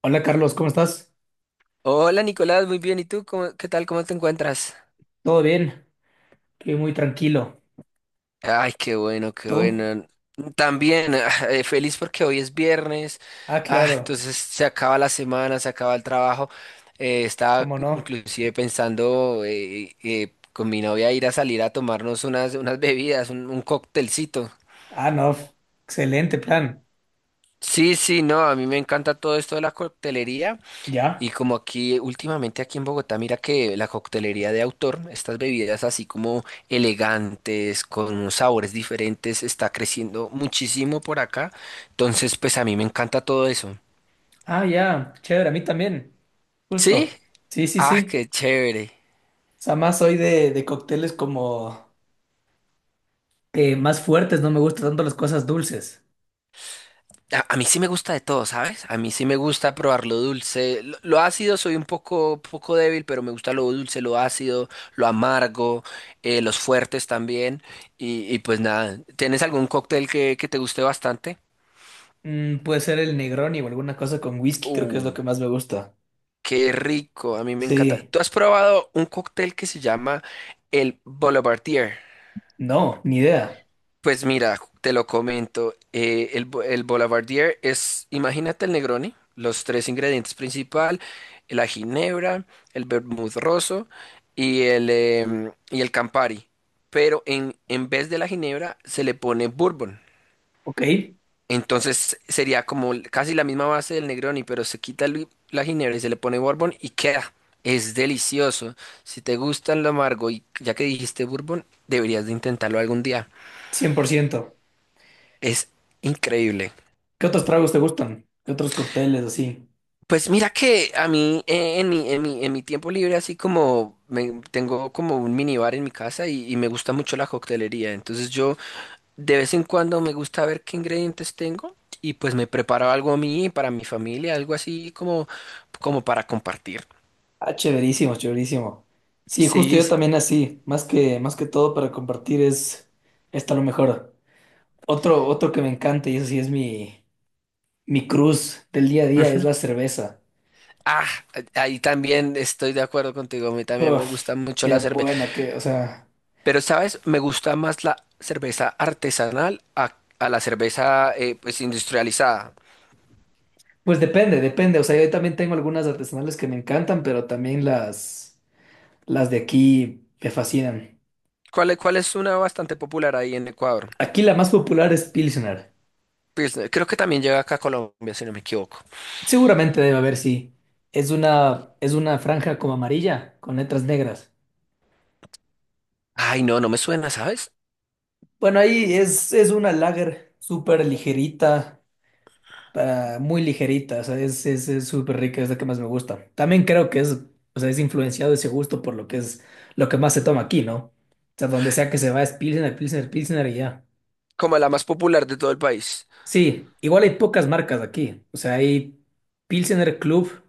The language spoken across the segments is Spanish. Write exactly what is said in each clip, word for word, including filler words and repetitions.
Hola Carlos, ¿cómo estás? Hola Nicolás, muy bien. ¿Y tú? ¿Cómo- ¿qué tal? ¿Cómo te encuentras? ¿Todo bien? Estoy muy tranquilo. Ay, qué bueno, qué ¿Tú? bueno. También ah, eh, feliz porque hoy es viernes. Ah, Ah, claro, entonces se acaba la semana, se acaba el trabajo. Eh, estaba ¿cómo no? inclusive pensando eh, eh, con mi novia ir a salir a tomarnos unas, unas bebidas, un, un cóctelcito. Ah, no, f- excelente plan. Sí, sí, no, a mí me encanta todo esto de la coctelería. Y ¿Ya? como aquí últimamente aquí en Bogotá, mira que la coctelería de autor, estas bebidas así como elegantes, con unos sabores diferentes, está creciendo muchísimo por acá. Entonces, pues a mí me encanta todo eso. Ah, ya, chévere, a mí también. ¿Sí? Justo. Sí, sí, Ah, sí. qué chévere. O sea, más soy de, de cócteles como eh, más fuertes, no me gustan tanto las cosas dulces. A, a mí sí me gusta de todo, ¿sabes? A mí sí me gusta probar lo dulce. Lo, lo ácido soy un poco, poco débil, pero me gusta lo dulce, lo ácido, lo amargo, eh, los fuertes también. Y, y pues nada, ¿tienes algún cóctel que, que te guste bastante? Mm, puede ser el Negroni o alguna cosa con whisky, creo que es lo Uh, que más me gusta. qué rico, a mí me encanta. Sí, ¿Tú has probado un cóctel que se llama el Boulevardier? no, ni idea. Pues mira, te lo comento, eh, el, bo- el Boulevardier es, imagínate el Negroni, los tres ingredientes principal, la ginebra, el vermut rosso y el, em, y el Campari, pero en, en vez de la ginebra se le pone bourbon. Ok, Entonces sería como casi la misma base del Negroni, pero se quita el- la ginebra y se le pone bourbon y queda. Es delicioso. Si te gusta lo amargo y ya que dijiste bourbon, deberías de intentarlo algún día. cien por ciento. Es increíble. ¿Qué otros tragos te gustan? ¿Qué otros cócteles así? Pues mira que a mí eh, en mi, en mi, en mi tiempo libre así como me- tengo como un minibar en mi casa y, y me gusta mucho la coctelería. Entonces yo de vez en cuando me gusta ver qué ingredientes tengo y pues me preparo algo a mí, para mi familia, algo así como, como para compartir. Ah, chéverísimo, chéverísimo. Sí, justo Sí, yo sí. también así, más que, más que todo para compartir es, está lo mejor. Otro, otro que me encanta y eso sí es mi, mi cruz del día a día es Ujú. la cerveza. Ah, ahí también estoy de acuerdo contigo. A mí también me Uf, gusta mucho qué la cerveza. buena, que, o sea, Pero, ¿sabes? Me gusta más la cerveza artesanal a, a la cerveza eh, pues industrializada. pues depende, depende. O sea, yo también tengo algunas artesanales que me encantan, pero también las, las de aquí me fascinan. ¿Cuál, es- cuál es una bastante popular ahí en Ecuador? Aquí la más popular es Pilsner. Pues eh, creo que también llega acá a Colombia, si no me equivoco. Seguramente debe haber, sí. Es una, es una franja como amarilla con letras negras. Ay, no, no me suena, ¿sabes? Bueno, ahí es, es una lager súper ligerita, ah, muy ligerita, o sea, es, es, es súper rica, es la que más me gusta. También creo que es, o sea, es influenciado ese gusto por lo que es, lo que más se toma aquí, ¿no? O sea, donde sea que se va es Pilsener, Pilsener, Pilsener y ya. Como la más popular de todo el país. Sí, igual hay pocas marcas aquí, o sea, hay Pilsener Club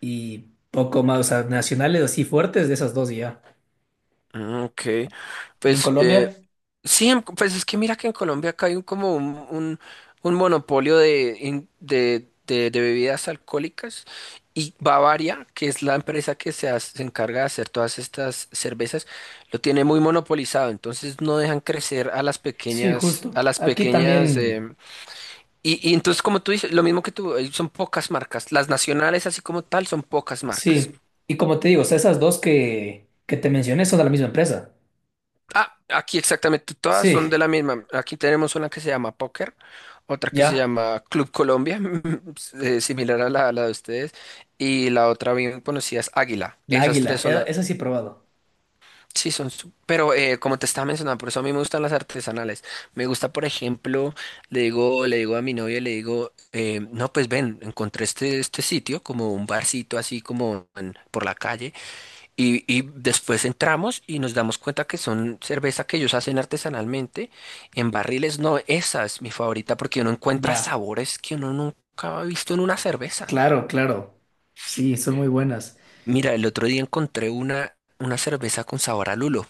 y poco más, o sea, nacionales así fuertes de esas dos y ya. Ah, ok, ¿Y en pues eh, Colombia? sí, en- pues es que mira que en Colombia acá hay un, como un, un, un monopolio de, in- de, de, de bebidas alcohólicas y Bavaria, que es la empresa que se, hace- se encarga de hacer todas estas cervezas, lo tiene muy monopolizado, entonces no dejan crecer a las Sí, pequeñas, justo. a las Aquí pequeñas, también. em, y, y entonces como tú dices, lo mismo que tú, eh, son pocas marcas, las nacionales así como tal son pocas marcas. Sí, y como te digo, o sea, esas dos que, que te mencioné son de la misma empresa. Ah, aquí exactamente todas son Sí, de la misma. Aquí tenemos una que se llama Póker, otra que se ya, llama Club Colombia, eh, similar a la, la de ustedes, y la otra bien conocida es Águila. la Esas águila, tres son e- las... esa sí he probado. Sí, son... su- Pero eh, como te estaba mencionando, por eso a mí me gustan las artesanales. Me gusta, por ejemplo, le digo, le digo a mi novia, le digo, eh, no, pues ven, encontré este, este sitio, como un barcito así como en- por la calle. Y, y después entramos y nos damos cuenta que son cerveza que ellos hacen artesanalmente en barriles. No, esa es mi favorita porque uno encuentra Ya, sabores que uno nunca ha visto en una cerveza. claro, claro. Sí, son muy buenas. Mira, el otro día encontré una, una cerveza con sabor a lulo.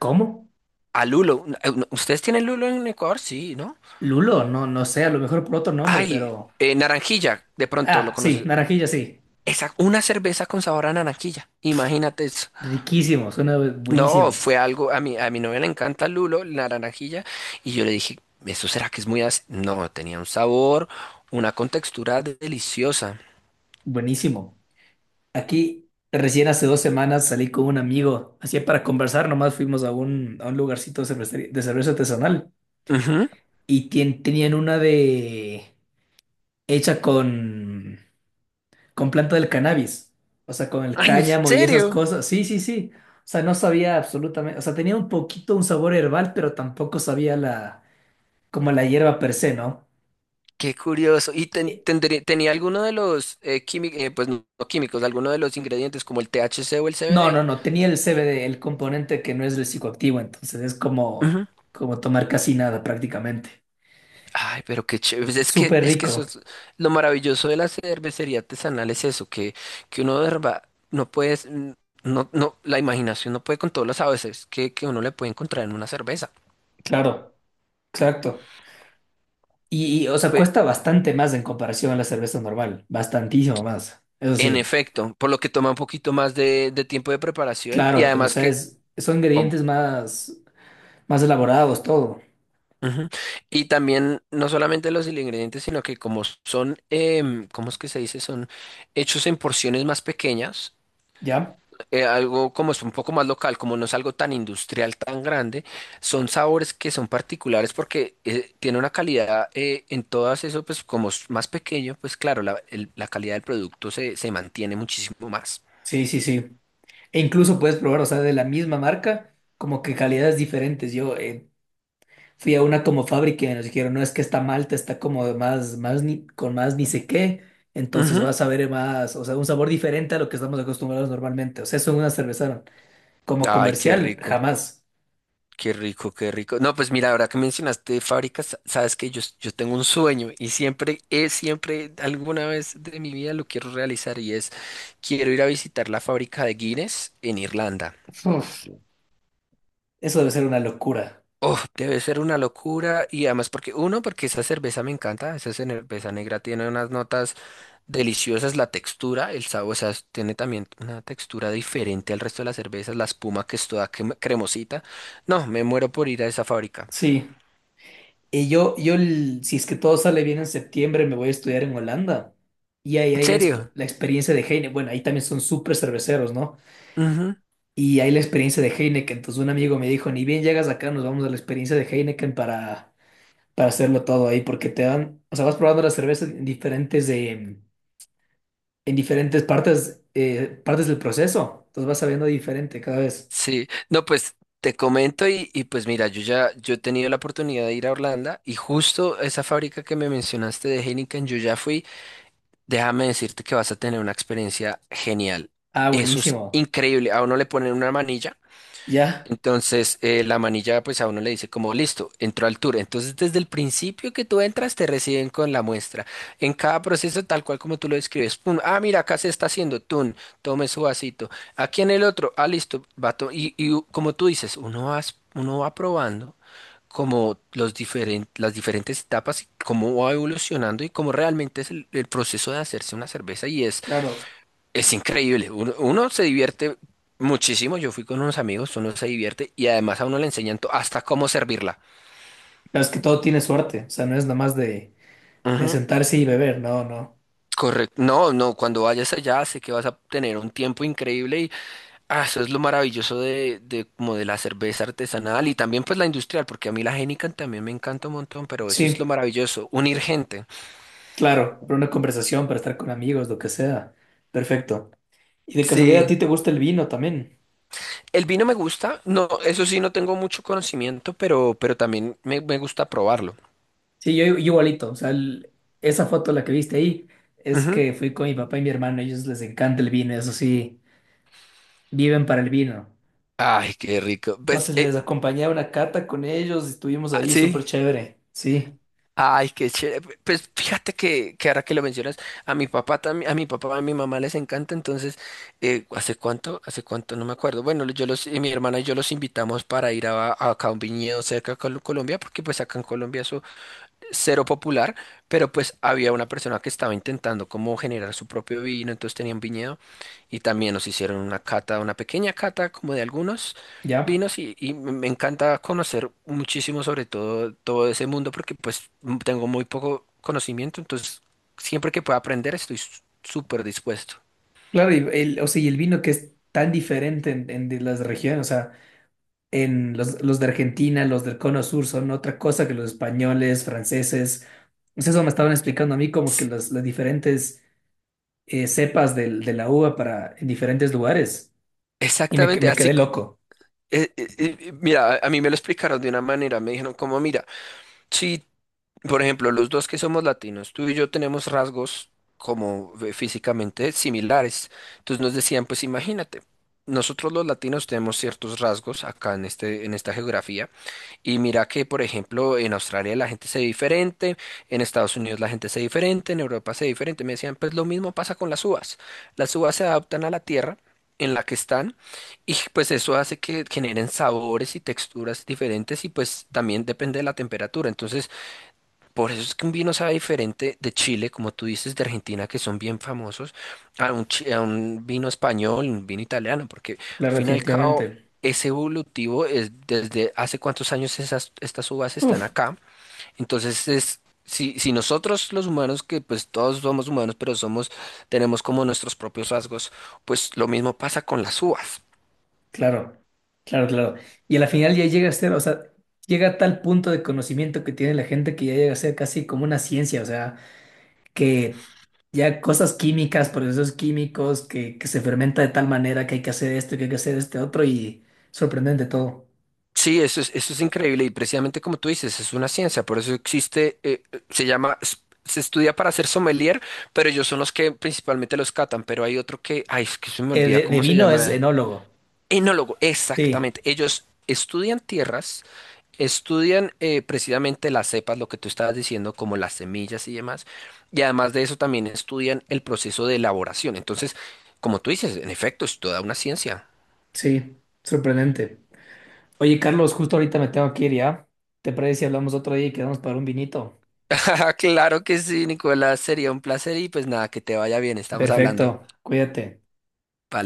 ¿Cómo? A lulo. Eh, no, ¿ustedes tienen lulo en Ecuador? Sí, ¿no? Lulo, no, no sé, a lo mejor por otro nombre, Ay, pero... eh, naranjilla, de pronto lo Ah, sí, conoces. naranjilla, sí. Esa, una cerveza con sabor a naranjilla. Imagínate, eso. Riquísimo, suena No, buenísimo, fue algo, a mi, a mi novia le encanta lulo, la naranjilla, y yo le dije, ¿eso será que es muy ácido? No, tenía un sabor, una contextura de- deliciosa. buenísimo. Aquí, recién hace dos semanas salí con un amigo, así para conversar, nomás fuimos a un, a un lugarcito de cervecería- de cerveza artesanal Ujú. y tien- tenían una de... hecha con, con planta del cannabis, o sea, con el Ay, ¿en cáñamo y esas serio? cosas. Sí, sí, sí. O sea, no sabía absolutamente, o sea, tenía un poquito un sabor herbal, pero tampoco sabía la, como la hierba per se, ¿no? Qué curioso. ¿Y ten- Eh, tendré- tenía alguno de los químicos, pues no no químicos, alguno de los ingredientes como el T H C o el No, C B D? no, no, tenía el C B D, el componente que no es el psicoactivo, entonces es como, como tomar casi nada prácticamente. Ay, pero qué chévere. Pues es que, Súper es que rico, eso es lo maravilloso de la cervecería artesanal es eso, que, que uno de verdad no puedes, mm, no, no, la imaginación no puede con todos los sabores que, que uno le puede encontrar en una cerveza. claro, exacto. Y, y, o sea, Pues, cuesta bastante más en comparación a la cerveza normal, bastantísimo más, eso en sí. efecto, por lo que toma un poquito más de, de tiempo de preparación y Claro, pues, o además sea, que es- son como ingredientes más, más elaborados, todo, ujú. Y también no solamente los ingredientes, sino que como son, em, ¿cómo es que se dice? Son hechos en porciones más pequeñas. ¿ya? Eh, algo como es un poco más local, como no es algo tan industrial, tan grande, son sabores que son particulares porque eh, tiene una calidad eh, en todas eso, pues como es más pequeño, pues claro, la, el- la calidad del producto se, se mantiene muchísimo más. Sí, sí, sí. E incluso puedes probar, o sea, de la misma marca, como que calidades diferentes. Yo eh, fui a una como fábrica y nos dijeron, no, es que esta malta está como de más, más ni- con más ni sé qué, entonces Ujú. vas a ver más, o sea, un sabor diferente a lo que estamos acostumbrados normalmente. O sea, eso en una cerveza, como Ay, qué comercial, rico, jamás. qué rico, qué rico. No, pues mira, ahora que mencionaste fábricas, sa- sabes que yo, s- yo tengo un sueño y siempre, es siempre, alguna vez de mi vida lo quiero realizar y es, quiero ir a visitar la fábrica de Guinness en Irlanda. Uf, eso debe ser una locura. Oh, debe ser una locura y además porque uno, porque esa cerveza me encanta, esa cerveza negra tiene unas notas deliciosas, la textura, el sabor, o sea, es- tiene también una textura diferente al resto de las cervezas, la espuma que es toda crem- cremosita. No, me muero por ir a esa fábrica. Sí. Y yo, yo, el- si es que todo sale bien en septiembre, me voy a estudiar en Holanda. Y ahí ¿En hay la, exp- serio? la experiencia de Heineken. Bueno, ahí también son súper cerveceros, ¿no? Ujú. Y hay la experiencia de Heineken. Entonces un amigo me dijo, ni bien llegas acá, nos vamos a la experiencia de Heineken para, para hacerlo todo ahí, porque te dan, o sea, vas probando las cervezas en diferentes, eh, en diferentes partes, eh, partes del proceso. Entonces vas sabiendo diferente cada vez. Sí, no, pues te comento y, y pues mira, yo ya yo he tenido la oportunidad de ir a Orlando y justo esa fábrica que me mencionaste de Heineken, yo ya fui. Déjame decirte que vas a tener una experiencia genial. Ah, Eso es buenísimo. increíble. A uno le ponen una manilla. Ya. Entonces, eh, la manilla, pues a uno le dice como, listo, entró al tour. Entonces, desde el principio que tú entras, te reciben con la muestra. En cada proceso, tal cual como tú lo describes, pum, ah, mira, acá se está haciendo, tun, tome su vasito. Aquí en el otro, ah, listo, va to- y, y u- como tú dices, uno va, uno va probando como los diferen- las diferentes etapas y cómo va evolucionando y cómo realmente es el, el proceso de hacerse una cerveza. Y es Claro. es increíble, uno, uno se divierte muchísimo, yo fui con unos amigos, uno se divierte y además a uno le enseñan to- hasta cómo servirla. Claro, es que todo tiene suerte. O sea, no es nada más de, de Ujú, sentarse y beber. No, no. correcto, no, no, cuando vayas allá sé que vas a tener un tiempo increíble y ah, eso es lo maravilloso de, de como de la cerveza artesanal y también pues la industrial, porque a mí la Heineken también me encanta un montón, pero eso es Sí, lo maravilloso, unir gente. claro, para una conversación, para estar con amigos, lo que sea. Perfecto. Y de casualidad, ¿a Sí, ti te gusta el vino también? el vino me gusta, no, eso sí no tengo mucho conocimiento, pero, pero también me, me gusta probarlo. Sí, yo, yo igualito, o sea, el- esa foto la que viste ahí es Ujú. que fui con mi papá y mi hermano, a ellos les encanta el vino, eso sí, viven para el vino. Ay, qué rico. Pues, Entonces eh, les acompañé a una cata con ellos estuvimos ah, ahí sí. súper chévere. Sí. Ay, qué chévere. Pues fíjate que, que ahora que lo mencionas, a mi papá también, a mi papá, a mi mamá les encanta, entonces, eh, ¿hace cuánto? ¿Hace cuánto? No me acuerdo. Bueno, yo los, eh, mi hermana y yo los invitamos para ir a, a acá a un viñedo cerca de Col- Colombia, porque pues acá en Colombia eso cero popular, pero pues había una persona que estaba intentando como generar su propio vino, entonces tenían viñedo y también nos hicieron una cata, una pequeña cata como de algunos ¿Ya? vinos y, y me encanta conocer muchísimo sobre todo todo ese mundo porque pues m- tengo muy poco conocimiento, entonces siempre que pueda aprender estoy s- súper dispuesto. Claro, y el, o sea, y el vino que es tan diferente en, en de las regiones, o sea, en los, los de Argentina, los del Cono Sur son otra cosa que los españoles, franceses. Pues eso me estaban explicando a mí como que S- las, las diferentes eh, cepas del- de la uva para en diferentes lugares. Y me, que- Exactamente, me quedé así, co- loco, eh, eh, eh, mira, a a mí me lo explicaron de una manera, me dijeron como, mira, si por ejemplo, los dos que somos latinos, tú y yo tenemos rasgos como eh, físicamente similares. Entonces nos decían, pues imagínate, nosotros los latinos tenemos ciertos rasgos acá en este, en esta geografía. Y mira que, por ejemplo, en Australia la gente se ve diferente, en Estados Unidos la gente se ve diferente, en Europa se ve diferente. Me decían, pues lo mismo pasa con las uvas. Las uvas se adaptan a la tierra en la que están y pues eso hace que generen sabores y texturas diferentes y pues también depende de la temperatura. Entonces, por eso es que un vino sabe diferente de Chile, como tú dices, de Argentina, que son bien famosos, a un, chi- a un vino español, un vino italiano, porque al claro, fin y al cabo definitivamente. es evolutivo, es desde hace cuántos años esas, estas uvas están Uf, acá. Entonces es, si, si nosotros los humanos, que pues todos somos humanos, pero somos, tenemos como nuestros propios rasgos, pues lo mismo pasa con las uvas. claro, claro, claro. Y a la final ya llega a ser, o sea, llega a tal punto de conocimiento que tiene la gente que ya llega a ser casi como una ciencia, o sea, que ya cosas químicas, procesos químicos, que, que se fermenta de tal manera que hay que hacer esto, que hay que hacer este otro y sorprendente todo. Sí, eso es, eso es increíble y precisamente como tú dices, es una ciencia, por eso existe, eh, se llama, s- se estudia para ser sommelier, pero ellos son los que principalmente los catan, pero hay otro que, ay, es que se me Eh, olvida de, de cómo se vino es llama, enólogo. enólogo, Sí, exactamente, ellos estudian tierras, estudian eh, precisamente las cepas, lo que tú estabas diciendo, como las semillas y demás, y además de eso también estudian el proceso de elaboración, entonces, como tú dices, en efecto, es toda una ciencia. sí, sorprendente. Oye, Carlos, justo ahorita me tengo que ir ya. ¿Te parece si hablamos otro día y quedamos para un vinito? Claro que sí, Nicolás, sería un placer y pues nada, que te vaya bien, estamos hablando. Perfecto, cuídate. Vale.